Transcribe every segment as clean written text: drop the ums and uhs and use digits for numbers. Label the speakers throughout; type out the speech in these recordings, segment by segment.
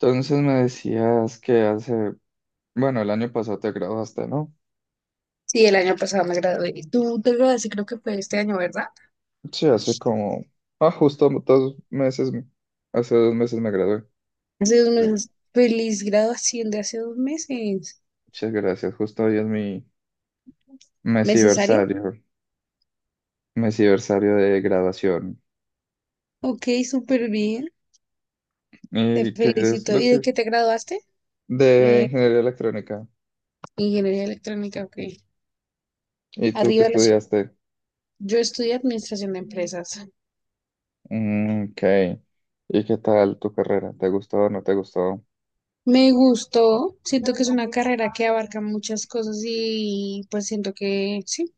Speaker 1: Entonces me decías que hace, bueno, el año pasado te graduaste, ¿no?
Speaker 2: Sí, el año pasado me gradué. Y Tú te graduaste, creo que fue este año, ¿verdad?
Speaker 1: Sí, hace como, ah, justo dos meses, hace dos meses me gradué.
Speaker 2: Hace dos
Speaker 1: Claro.
Speaker 2: meses. Feliz graduación de hace dos meses.
Speaker 1: Muchas gracias, justo hoy es mi
Speaker 2: ¿Necesaria?
Speaker 1: mesiversario, mesiversario de graduación.
Speaker 2: Ok, súper bien. Te
Speaker 1: ¿Y qué es
Speaker 2: felicito.
Speaker 1: lo
Speaker 2: ¿Y de
Speaker 1: que?
Speaker 2: qué te graduaste?
Speaker 1: De
Speaker 2: Eh,
Speaker 1: ingeniería electrónica.
Speaker 2: ingeniería electrónica, ok.
Speaker 1: ¿Y tú qué
Speaker 2: Arriba los...
Speaker 1: estudiaste?
Speaker 2: Yo estudié administración de empresas.
Speaker 1: Ok. ¿Y qué tal tu carrera? ¿Te gustó o no te gustó?
Speaker 2: Me gustó. Siento que es una carrera que abarca muchas cosas y pues siento que sí.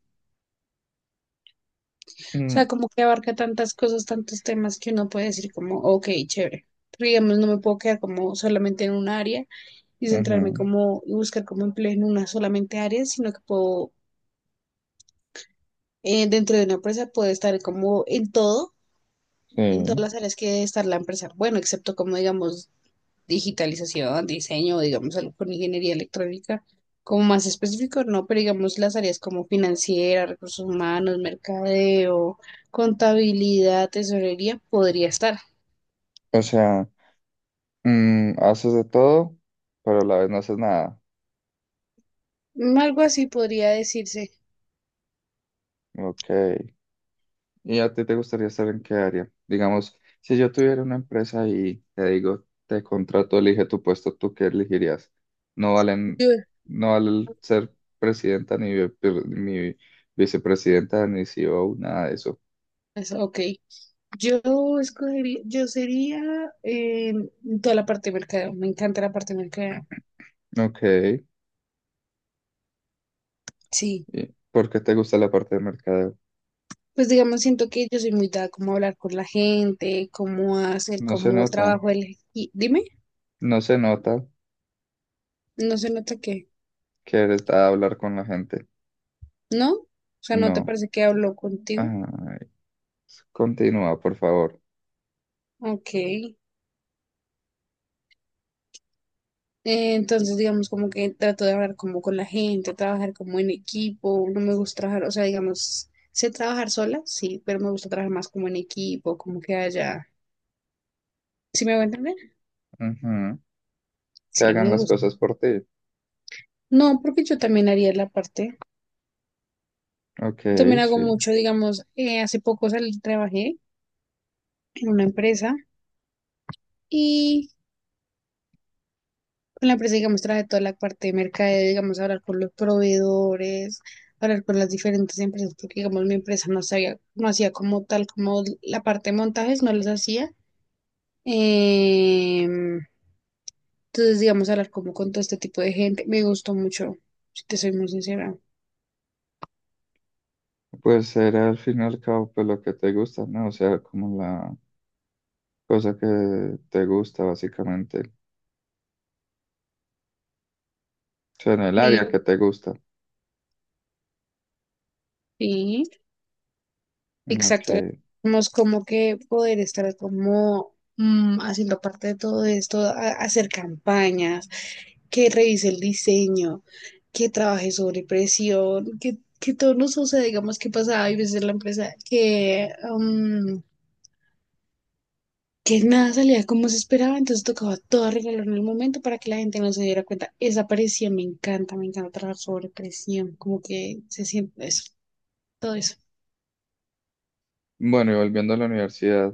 Speaker 2: O
Speaker 1: Mm,
Speaker 2: sea, como que abarca tantas cosas, tantos temas que uno puede decir como, ok, chévere. Pero digamos, no me puedo quedar como solamente en un área y centrarme
Speaker 1: ujú,
Speaker 2: como y buscar como empleo en una solamente área, sino que puedo, dentro de una empresa puedo estar como en todo, en todas
Speaker 1: sí.
Speaker 2: las áreas que debe estar la empresa. Bueno, excepto como digamos digitalización, diseño, digamos algo con ingeniería electrónica, como más específico, no, pero digamos las áreas como financiera, recursos humanos, mercadeo, contabilidad, tesorería, podría estar.
Speaker 1: O sea. Haces de todo, pero a la vez no haces nada.
Speaker 2: Mm, algo así podría decirse.
Speaker 1: Ok. ¿Y a ti te gustaría estar en qué área? Digamos, si yo tuviera una empresa y te digo, te contrato, elige tu puesto, ¿tú qué elegirías? No valen,
Speaker 2: Yo-
Speaker 1: no vale ser presidenta, ni, ni vicepresidenta, ni CEO, nada de eso.
Speaker 2: Ok. Yo escogería, yo sería eh, toda la parte de mercadeo, me encanta la parte de mercadeo,
Speaker 1: Ok.
Speaker 2: sí.
Speaker 1: ¿Y por qué te gusta la parte de mercadeo?
Speaker 2: Pues digamos, siento que yo soy muy dada como a hablar con la gente, cómo hacer,
Speaker 1: No se
Speaker 2: cómo
Speaker 1: nota,
Speaker 2: trabajo el... Y dime,
Speaker 1: no se nota
Speaker 2: no se nota que,
Speaker 1: que eres de hablar con la gente.
Speaker 2: ¿no? O sea, ¿no te
Speaker 1: No.
Speaker 2: parece que hablo contigo?
Speaker 1: Ay, continúa, por favor.
Speaker 2: Ok. Entonces, digamos, como que trato de hablar como con la gente, trabajar como en equipo, no me gusta trabajar, o sea, digamos, sé trabajar sola, sí, pero me gusta trabajar más como en equipo, como que haya... ¿Sí me voy a entender?
Speaker 1: Ujú, que
Speaker 2: Sí,
Speaker 1: hagan
Speaker 2: me
Speaker 1: las
Speaker 2: gusta.
Speaker 1: cosas por ti.
Speaker 2: No, porque yo también haría la parte.
Speaker 1: Ok,
Speaker 2: Yo también hago
Speaker 1: sí.
Speaker 2: mucho, digamos, hace poco salí, trabajé en una empresa y con la empresa, digamos, traje toda la parte de mercadeo, digamos, hablar con los proveedores, hablar con las diferentes empresas, porque, digamos, mi empresa no sabía, no hacía como tal, como la parte de montajes, no los hacía. Em, entonces, digamos, hablar como con todo este tipo de gente, me gustó mucho, si te soy muy sincera.
Speaker 1: Pues era al fin y al cabo pues, lo que te gusta, ¿no? O sea, como la cosa que te gusta, básicamente. O sea, en el
Speaker 2: Sí,
Speaker 1: área que te gusta.
Speaker 2: sí.
Speaker 1: Ok.
Speaker 2: Exacto, tenemos como que poder estar como haciendo parte de todo esto, hacer campañas, que revise el diseño, que trabaje sobre presión, que todo nos suceda, digamos que pasaba, hay veces en la empresa que, mm, que nada salía como se esperaba, entonces tocaba todo arreglarlo en el momento para que la gente no se diera cuenta. Esa presión me encanta trabajar sobre presión, como que se siente eso, todo eso.
Speaker 1: Bueno, y volviendo a la universidad,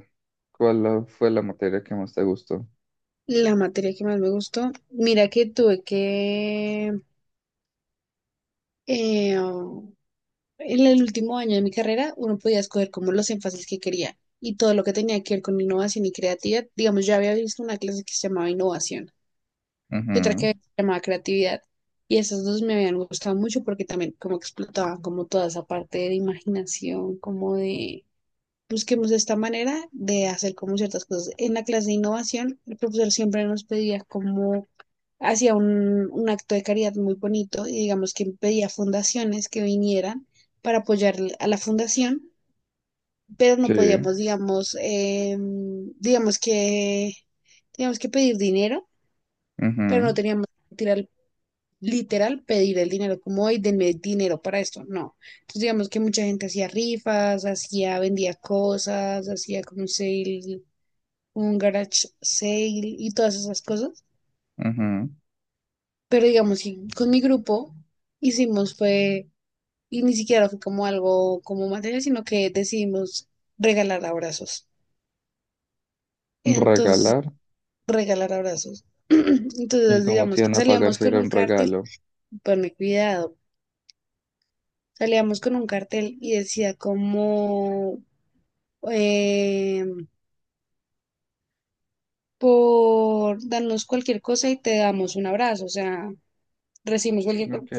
Speaker 1: ¿cuál fue la materia que más te gustó?
Speaker 2: La materia que más me gustó, mira que tuve que, eh, oh, en el último año de mi carrera, uno podía escoger como los énfasis que quería y todo lo que tenía que ver con innovación y creatividad. Digamos, yo había visto una clase que se llamaba innovación y otra que se
Speaker 1: Ujú,
Speaker 2: llamaba creatividad. Y esas dos me habían gustado mucho porque también como que explotaban como toda esa parte de imaginación, como de busquemos esta manera de hacer como ciertas cosas. En la clase de innovación, el profesor siempre nos pedía como hacía un acto de caridad muy bonito y digamos que pedía fundaciones que vinieran para apoyar a la fundación, pero no
Speaker 1: sí.
Speaker 2: podíamos, digamos, digamos que, teníamos que pedir dinero, pero no
Speaker 1: Ujú,
Speaker 2: teníamos que tirar literal pedir el dinero, como hoy denme dinero para esto, no. Entonces digamos que mucha gente hacía rifas, hacía, vendía cosas, hacía como un sale, un garage sale y todas esas cosas.
Speaker 1: ujú.
Speaker 2: Pero digamos que con mi grupo hicimos fue y ni siquiera fue como algo como material sino que decidimos regalar abrazos. Entonces,
Speaker 1: Regalar.
Speaker 2: regalar abrazos.
Speaker 1: ¿Y
Speaker 2: Entonces,
Speaker 1: cómo te
Speaker 2: digamos que
Speaker 1: iban a pagar
Speaker 2: salíamos
Speaker 1: si
Speaker 2: con
Speaker 1: era
Speaker 2: un
Speaker 1: un
Speaker 2: cartel,
Speaker 1: regalo?
Speaker 2: ponme cuidado, salíamos con un cartel y decía como, eh, por darnos cualquier cosa y te damos un abrazo, o sea, recibimos cualquier cosa.
Speaker 1: Ok.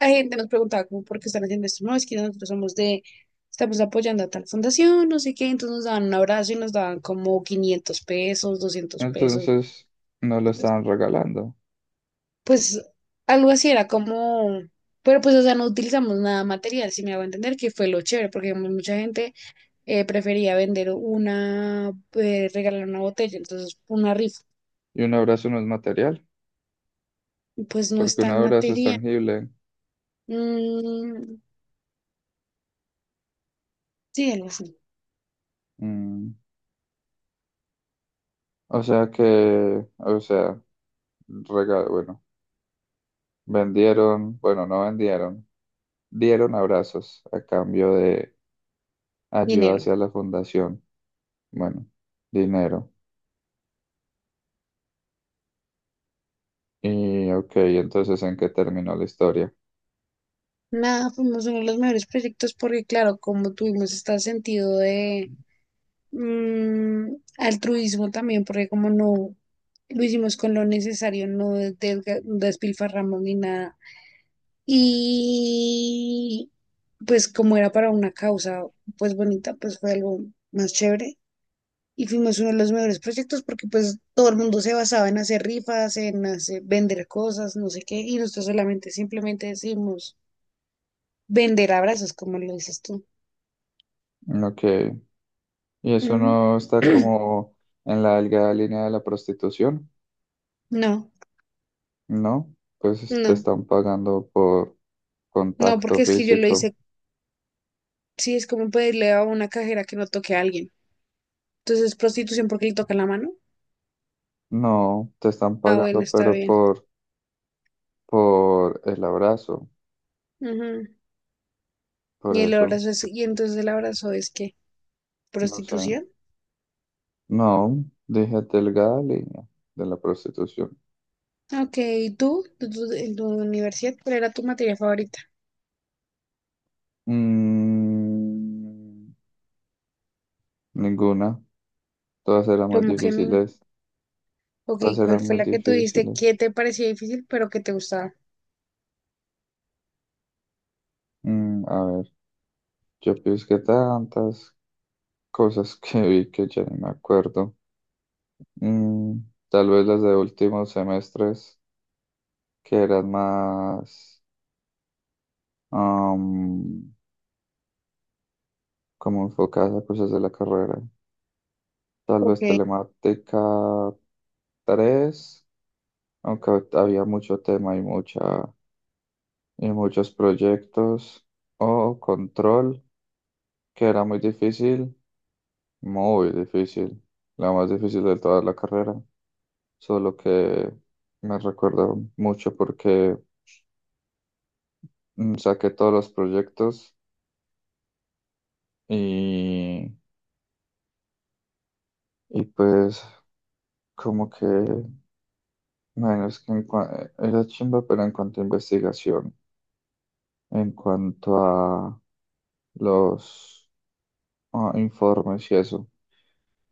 Speaker 2: La gente nos preguntaba como, ¿por qué están haciendo esto? No, es que nosotros somos de, estamos apoyando a tal fundación, no sé qué, entonces nos daban un abrazo y nos daban como 500 pesos, 200 pesos.
Speaker 1: Entonces, no lo
Speaker 2: Entonces,
Speaker 1: estaban regalando.
Speaker 2: pues, algo así era como, pero pues, o sea, no utilizamos nada material, si me hago entender, que fue lo chévere, porque digamos, mucha gente prefería regalar una botella, entonces una rifa,
Speaker 1: ¿Y un abrazo no es material?
Speaker 2: y pues no es
Speaker 1: Porque un
Speaker 2: tan
Speaker 1: abrazo es
Speaker 2: material.
Speaker 1: tangible.
Speaker 2: Mm, sí, algo así,
Speaker 1: Mm, O sea que, o sea, regalo, bueno, vendieron, bueno, no vendieron, dieron abrazos a cambio de ayuda
Speaker 2: dinero.
Speaker 1: hacia la fundación. Bueno, dinero. Y ok, entonces ¿en qué terminó la historia?
Speaker 2: Nada, fuimos uno de los mejores proyectos porque, claro, como tuvimos este sentido de altruismo también, porque como no lo hicimos con lo necesario, no despilfarramos ni nada. Y pues como era para una causa, pues bonita, pues fue algo más chévere. Y fuimos uno de los mejores proyectos porque pues todo el mundo se basaba en hacer rifas, en hacer, vender cosas, no sé qué, y nosotros solamente simplemente decimos vender abrazos, como lo dices tú.
Speaker 1: Ok, y eso
Speaker 2: Mm,
Speaker 1: no está como en la delgada línea de la prostitución,
Speaker 2: No,
Speaker 1: ¿no? Pues te
Speaker 2: no,
Speaker 1: están pagando por
Speaker 2: no,
Speaker 1: contacto
Speaker 2: porque es que yo lo
Speaker 1: físico.
Speaker 2: hice, sí, es como pedirle a una cajera que no toque a alguien. Entonces es prostitución porque le toca la mano.
Speaker 1: No, te están
Speaker 2: Ah, bueno,
Speaker 1: pagando,
Speaker 2: está
Speaker 1: pero
Speaker 2: bien.
Speaker 1: por el abrazo,
Speaker 2: Ujú.
Speaker 1: por
Speaker 2: Y el
Speaker 1: eso,
Speaker 2: abrazo es, y entonces el abrazo es qué
Speaker 1: no sé.
Speaker 2: prostitución.
Speaker 1: No, déjate delgada línea de la prostitución.
Speaker 2: Ok, ¿y tú? ¿En tu universidad, ¿cuál era tu materia favorita?
Speaker 1: Mm, Ninguna. Todas eran muy
Speaker 2: Como que ni...
Speaker 1: difíciles.
Speaker 2: Ok,
Speaker 1: Todas
Speaker 2: ¿cuál
Speaker 1: eran
Speaker 2: fue
Speaker 1: muy
Speaker 2: la que tú dijiste que
Speaker 1: difíciles.
Speaker 2: te parecía difícil pero que te gustaba?
Speaker 1: A ver, yo pienso que tantas cosas que vi que ya ni me acuerdo. Mm, Tal vez las de últimos semestres que eran más am, como enfocadas a cosas de la carrera. Tal
Speaker 2: Ok,
Speaker 1: vez telemática tres, aunque había mucho tema y muchos proyectos. O control, que era muy difícil, la más difícil de toda la carrera. Solo que me recuerda mucho porque saqué todos los proyectos y, y pues como que, bueno, es que era chimba, pero en cuanto a investigación, en cuanto a los informes y eso,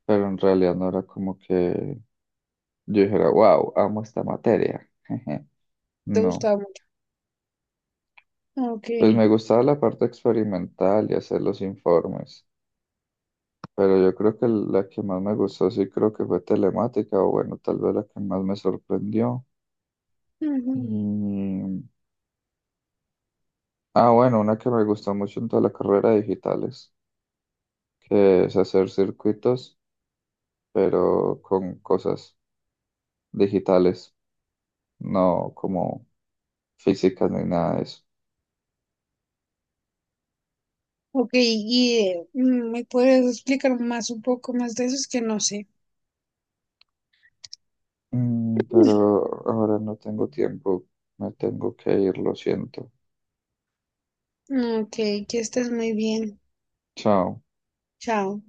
Speaker 1: pero en realidad no era como que yo dijera, wow, amo esta materia.
Speaker 2: te
Speaker 1: No,
Speaker 2: gustaba mucho. Ok.
Speaker 1: pues me gustaba la parte experimental y hacer los informes, pero yo creo que la que más me gustó sí creo que fue telemática, o bueno, tal vez la que más me sorprendió.
Speaker 2: Ujú.
Speaker 1: Y... Ah, bueno, una que me gustó mucho en toda la carrera de digitales, que es hacer circuitos, pero con cosas digitales, no como físicas ni nada de eso.
Speaker 2: Ok, y me puedes explicar más un poco más de eso, es que no sé.
Speaker 1: Pero ahora no tengo tiempo. Me tengo que ir, lo siento.
Speaker 2: Ok, que estés muy bien.
Speaker 1: Chao.
Speaker 2: Chao.